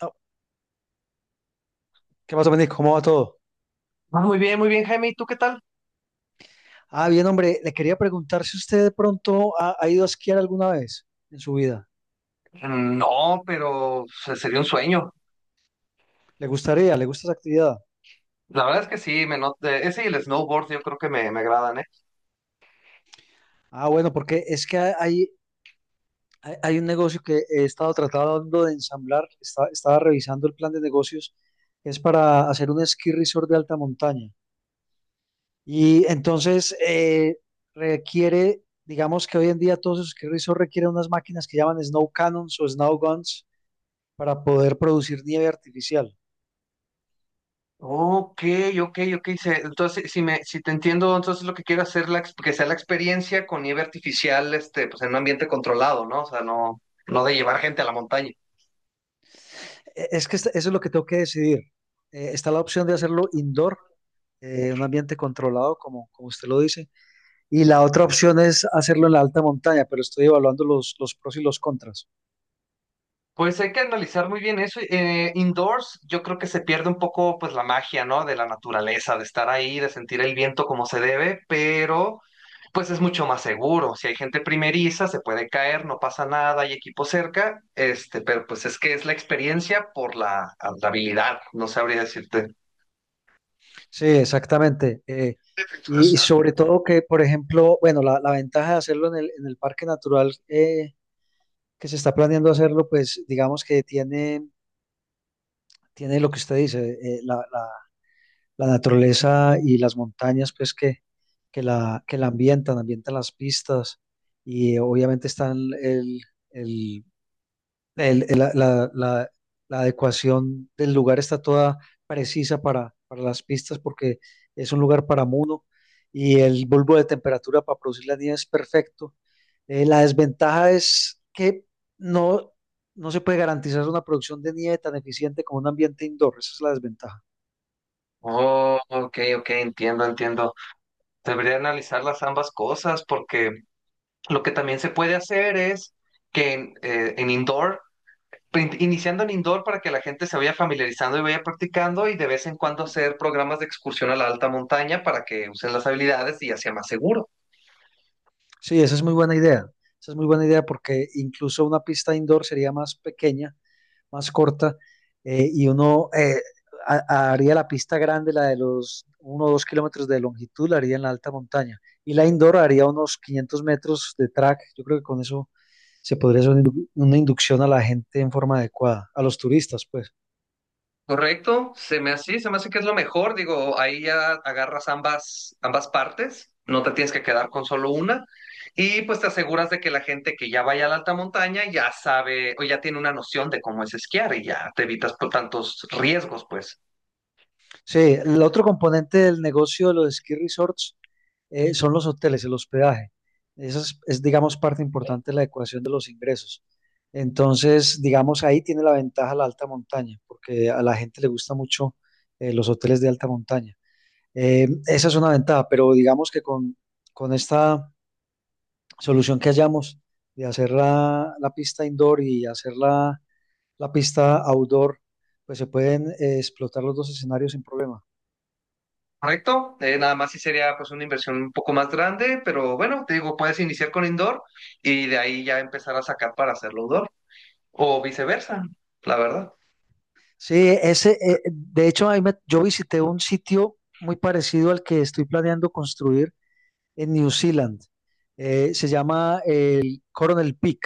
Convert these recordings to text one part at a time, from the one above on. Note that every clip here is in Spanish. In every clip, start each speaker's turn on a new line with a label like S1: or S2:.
S1: Oh, ¿qué pasa, Benny? ¿Cómo va todo?
S2: Ah, muy bien, Jaime. ¿Y tú qué tal?
S1: Ah, bien, hombre, le quería preguntar si usted de pronto ha ido a esquiar alguna vez en su vida.
S2: No, pero o sería un sueño.
S1: ¿Le gustaría? ¿Le gusta esa actividad?
S2: La verdad es que sí, me not- ese y el snowboard yo creo que me agradan, ¿eh?
S1: Ah, bueno, porque es que hay un negocio que he estado tratando de ensamblar, estaba revisando el plan de negocios, es para hacer un esquí resort de alta montaña. Y entonces requiere, digamos que hoy en día todos esos esquí resorts requieren unas máquinas que llaman snow cannons o snow guns para poder producir nieve artificial.
S2: Ok, ok, ok. Entonces, si te entiendo, entonces lo que quiero hacer que sea la experiencia con nieve artificial, este, pues en un ambiente controlado, ¿no? O sea, no de llevar gente a la montaña.
S1: Es que eso es lo que tengo que decidir. Está la opción de hacerlo indoor, un ambiente controlado, como usted lo dice, y la otra opción es hacerlo en la alta montaña, pero estoy evaluando los pros y los contras.
S2: Pues hay que analizar muy bien eso. Indoors, yo creo que se pierde un poco, pues, la magia, ¿no? De la naturaleza, de estar ahí, de sentir el viento como se debe, pero pues es mucho más seguro. Si hay gente primeriza, se puede caer, no pasa nada, hay equipo cerca, este, pero pues es que es la experiencia por la habilidad, no sabría decirte.
S1: Sí, exactamente. Y sobre todo que, por ejemplo, bueno, la ventaja de hacerlo en el parque natural, que se está planeando hacerlo, pues digamos que tiene, tiene lo que usted dice, la naturaleza y las montañas, pues que ambientan las pistas, y obviamente están el, el- el- la, la- la- la adecuación del lugar está toda precisa para las pistas porque es un lugar para muno y el bulbo de temperatura para producir la nieve es perfecto. La desventaja es que no, no se puede garantizar una producción de nieve tan eficiente como un ambiente indoor, esa es la desventaja.
S2: Oh, ok, ok, entiendo, entiendo. Debería analizar las ambas cosas porque lo que también se puede hacer es que en indoor, iniciando en indoor para que la gente se vaya familiarizando y vaya practicando y de vez en cuando hacer programas de excursión a la alta montaña para que usen las habilidades y ya sea más seguro.
S1: Sí, esa es muy buena idea. Esa es muy buena idea porque incluso una pista indoor sería más pequeña, más corta, y uno haría la pista grande, la de los 1 o 2 kilómetros de longitud, la haría en la alta montaña. Y la indoor haría unos 500 metros de track. Yo creo que con eso se podría hacer una una inducción a la gente en forma adecuada, a los turistas, pues.
S2: Correcto, se me hace que es lo mejor, digo, ahí ya agarras ambas partes, no te tienes que quedar con solo una, y pues te aseguras de que la gente que ya vaya a la alta montaña ya sabe o ya tiene una noción de cómo es esquiar y ya te evitas por tantos riesgos, pues.
S1: Sí, el otro componente del negocio de los ski resorts, son los hoteles, el hospedaje. Eso es, digamos, parte importante de la ecuación de los ingresos. Entonces, digamos, ahí tiene la ventaja la alta montaña, porque a la gente le gusta mucho, los hoteles de alta montaña. Esa es una ventaja, pero digamos que con esta solución que hallamos de hacer la pista indoor y hacer la pista outdoor, pues se pueden explotar los dos escenarios sin problema.
S2: Correcto. Nada más sí sería pues una inversión un poco más grande, pero bueno, te digo, puedes iniciar con indoor y de ahí ya empezar a sacar para hacerlo outdoor, o viceversa, la verdad.
S1: Sí, ese, de hecho, yo visité un sitio muy parecido al que estoy planeando construir en New Zealand. Se llama el Coronel Peak.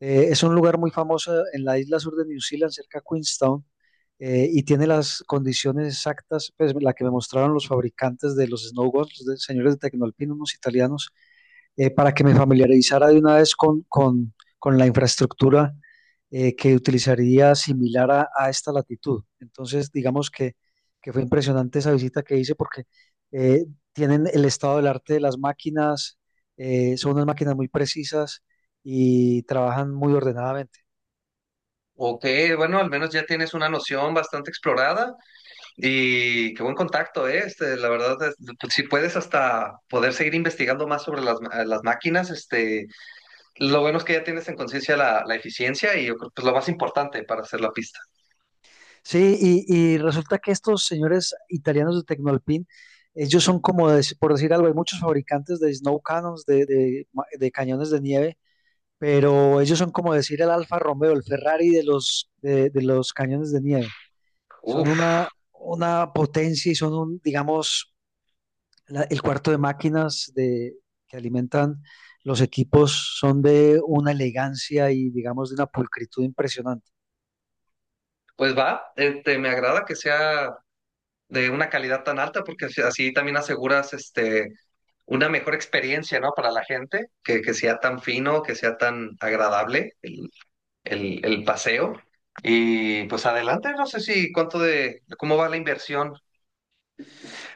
S1: Es un lugar muy famoso en la isla sur de New Zealand, cerca de Queenstown, y tiene las condiciones exactas, pues la que me mostraron los fabricantes de los snowboards, los señores de Tecnolpin, unos italianos, para que me familiarizara de una vez con la infraestructura que utilizaría similar a, esta latitud. Entonces, digamos que, fue impresionante esa visita que hice porque eh, tienen el estado del arte de las máquinas, son unas máquinas muy precisas y trabajan muy ordenadamente.
S2: Ok, bueno, al menos ya tienes una noción bastante explorada. Y qué buen contacto, ¿eh? Este, la verdad, es- pues, si puedes hasta poder seguir investigando más sobre las máquinas, este, lo bueno es que ya tienes en conciencia la eficiencia y yo creo que es lo más importante para hacer la pista.
S1: Sí, y resulta que estos señores italianos de Tecnolpin, ellos son como, de, por decir algo, hay muchos fabricantes de snow cannons, de cañones de nieve, pero ellos son como decir el Alfa Romeo, el Ferrari de de los cañones de nieve. Son
S2: Uf,
S1: una potencia y son un, digamos, el cuarto de máquinas de, que alimentan los equipos, son de una elegancia y, digamos, de una pulcritud impresionante.
S2: pues va, este, me agrada que sea de una calidad tan alta porque así así también aseguras este, una mejor experiencia, ¿no? Para la gente, que sea tan fino, que sea tan agradable el paseo. Y pues adelante, no sé si cuánto de, cómo va la inversión.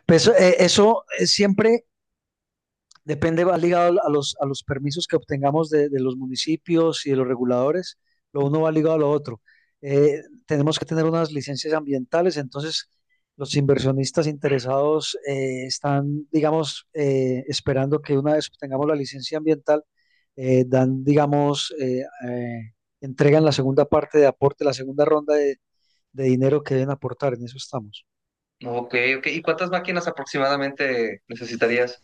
S1: Pues eso siempre depende, va ligado a a los permisos que obtengamos de los municipios y de los reguladores. Lo uno va ligado a lo otro. Eh, Tenemos que tener unas licencias ambientales, entonces los inversionistas interesados están, digamos, esperando que una vez obtengamos la licencia ambiental, dan, digamos, entregan la segunda parte de aporte, la segunda ronda de dinero que deben aportar. En eso estamos.
S2: Ok, ok. ¿Y cuántas máquinas aproximadamente necesitarías?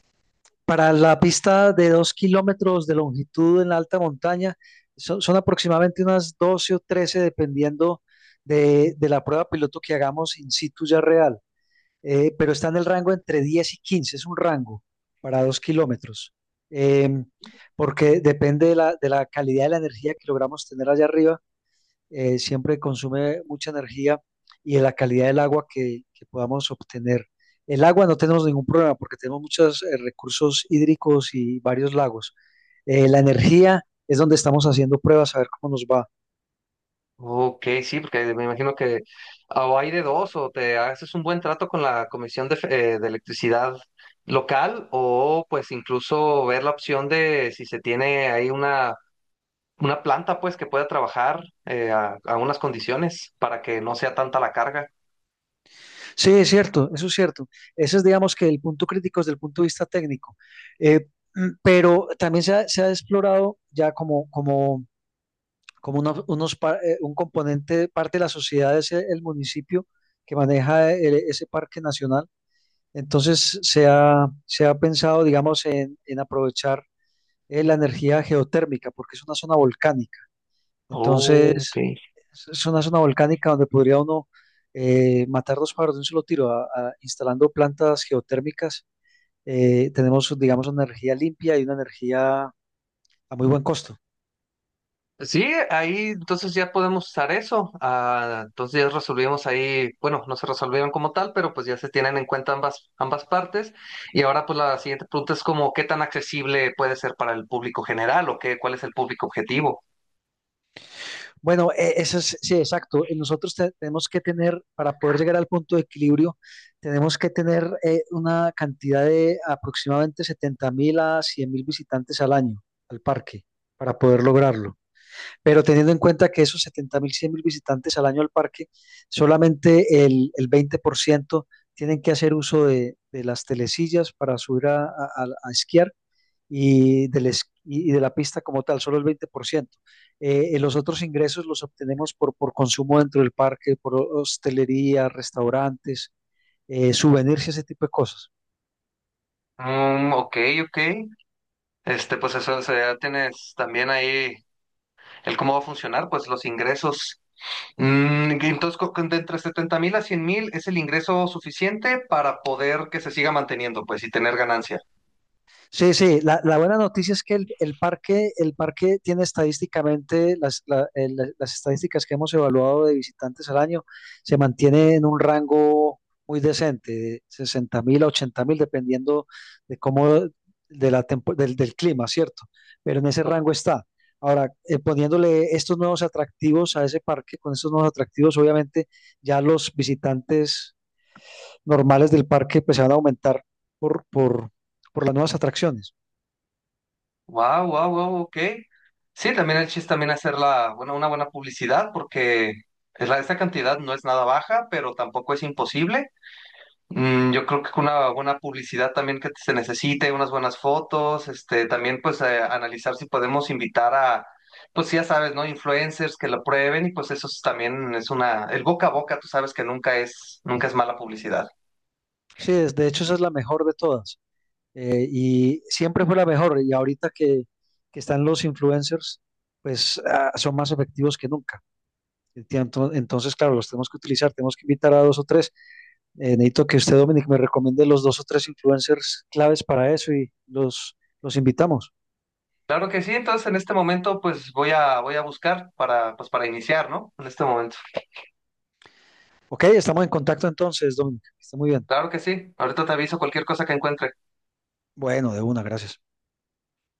S1: Para la pista de 2 kilómetros de longitud en la alta montaña, son aproximadamente unas 12 o 13, dependiendo de la prueba piloto que hagamos in situ ya real. Pero está en el rango entre 10 y 15, es un rango para 2 kilómetros. Em, Porque depende de de la calidad de la energía que logramos tener allá arriba. Siempre consume mucha energía y de la calidad del agua que podamos obtener. El agua no tenemos ningún problema porque tenemos muchos, recursos hídricos y varios lagos. La energía es donde estamos haciendo pruebas a ver cómo nos va.
S2: Ok, sí, porque me imagino que o hay de dos, o te haces un buen trato con la Comisión de Electricidad local, o pues incluso ver la opción de si se tiene ahí una planta pues que pueda trabajar a unas condiciones para que no sea tanta la carga.
S1: Sí, es cierto, eso es cierto. Ese es, digamos, que el punto crítico desde el punto de vista técnico. Eh, pero también se ha explorado ya como un componente, parte de la sociedad es el municipio que maneja ese parque nacional. Entonces se ha pensado, digamos, en aprovechar, la energía geotérmica, porque es una zona volcánica.
S2: Oh, ok.
S1: Entonces, es una zona volcánica donde podría uno matar dos pájaros de un solo tiro, instalando plantas geotérmicas. Tenemos, digamos, una energía limpia y una energía a muy buen costo.
S2: Sí, ahí entonces ya podemos usar eso. Ah, entonces ya resolvimos ahí, bueno, no se resolvieron como tal, pero pues ya se tienen en cuenta ambas partes. Y ahora pues la siguiente pregunta es como, ¿qué tan accesible puede ser para el público general o qué, cuál es el público objetivo?
S1: Bueno, eso es, sí, exacto. Nosotros tenemos que tener, para poder llegar al punto de equilibrio, tenemos que tener, una cantidad de aproximadamente 70.000 a 100.000 visitantes al año al parque para poder lograrlo. Pero teniendo en cuenta que esos 70.000, 100.000 visitantes al año al parque, solamente el 20% tienen que hacer uso de las telesillas para subir a esquiar y y de la pista como tal, solo el 20%. Los otros ingresos los obtenemos por consumo dentro del parque, por hostelería, restaurantes, souvenirs y ese tipo de cosas.
S2: Mm, ok, ok. Este, pues eso, o sea, ya tienes también ahí el cómo va a funcionar, pues los ingresos. Mm, que entonces, de entre 70.000 a 100.000 es el ingreso suficiente para poder que se siga manteniendo, pues, y tener ganancia.
S1: Sí, sí, la buena noticia es que el parque tiene estadísticamente las, la- el- la- las estadísticas que hemos evaluado de visitantes al año, se mantiene en un rango muy decente, de 60.000 a 80.000, dependiendo de cómo, de la del clima, ¿cierto? Pero en ese rango está. Ahora, poniéndole estos nuevos atractivos a ese parque, con estos nuevos atractivos, obviamente ya los visitantes normales del parque pues se van a aumentar por, por, por las nuevas atracciones.
S2: Wow, wow, wow, ok. Sí, también el chiste también hacer la, bueno, una buena publicidad porque es la, esta cantidad no es nada baja, pero tampoco es imposible. Mm, yo creo que con una buena publicidad también que se necesite, unas buenas fotos, este, también pues analizar si podemos invitar a, pues ya sabes, ¿no? Influencers que lo prueben y pues eso es también es una, el boca a boca, tú sabes que nunca nunca es mala publicidad.
S1: Sí, de hecho esa es la mejor de todas. Y siempre fue la mejor. Y ahorita que están los influencers, pues son más efectivos que nunca. Enti- Entonces, claro, los tenemos que utilizar, tenemos que invitar a dos o tres. Necesito que usted, Dominic, me recomiende los dos o tres influencers claves para eso y los invitamos.
S2: Claro que sí, entonces en este momento pues voy a buscar para, pues para iniciar, ¿no? En este momento.
S1: Ok, estamos en contacto entonces, Dominic. Está muy bien.
S2: Claro que sí. Ahorita te aviso cualquier cosa que encuentre.
S1: Bueno, de una, gracias.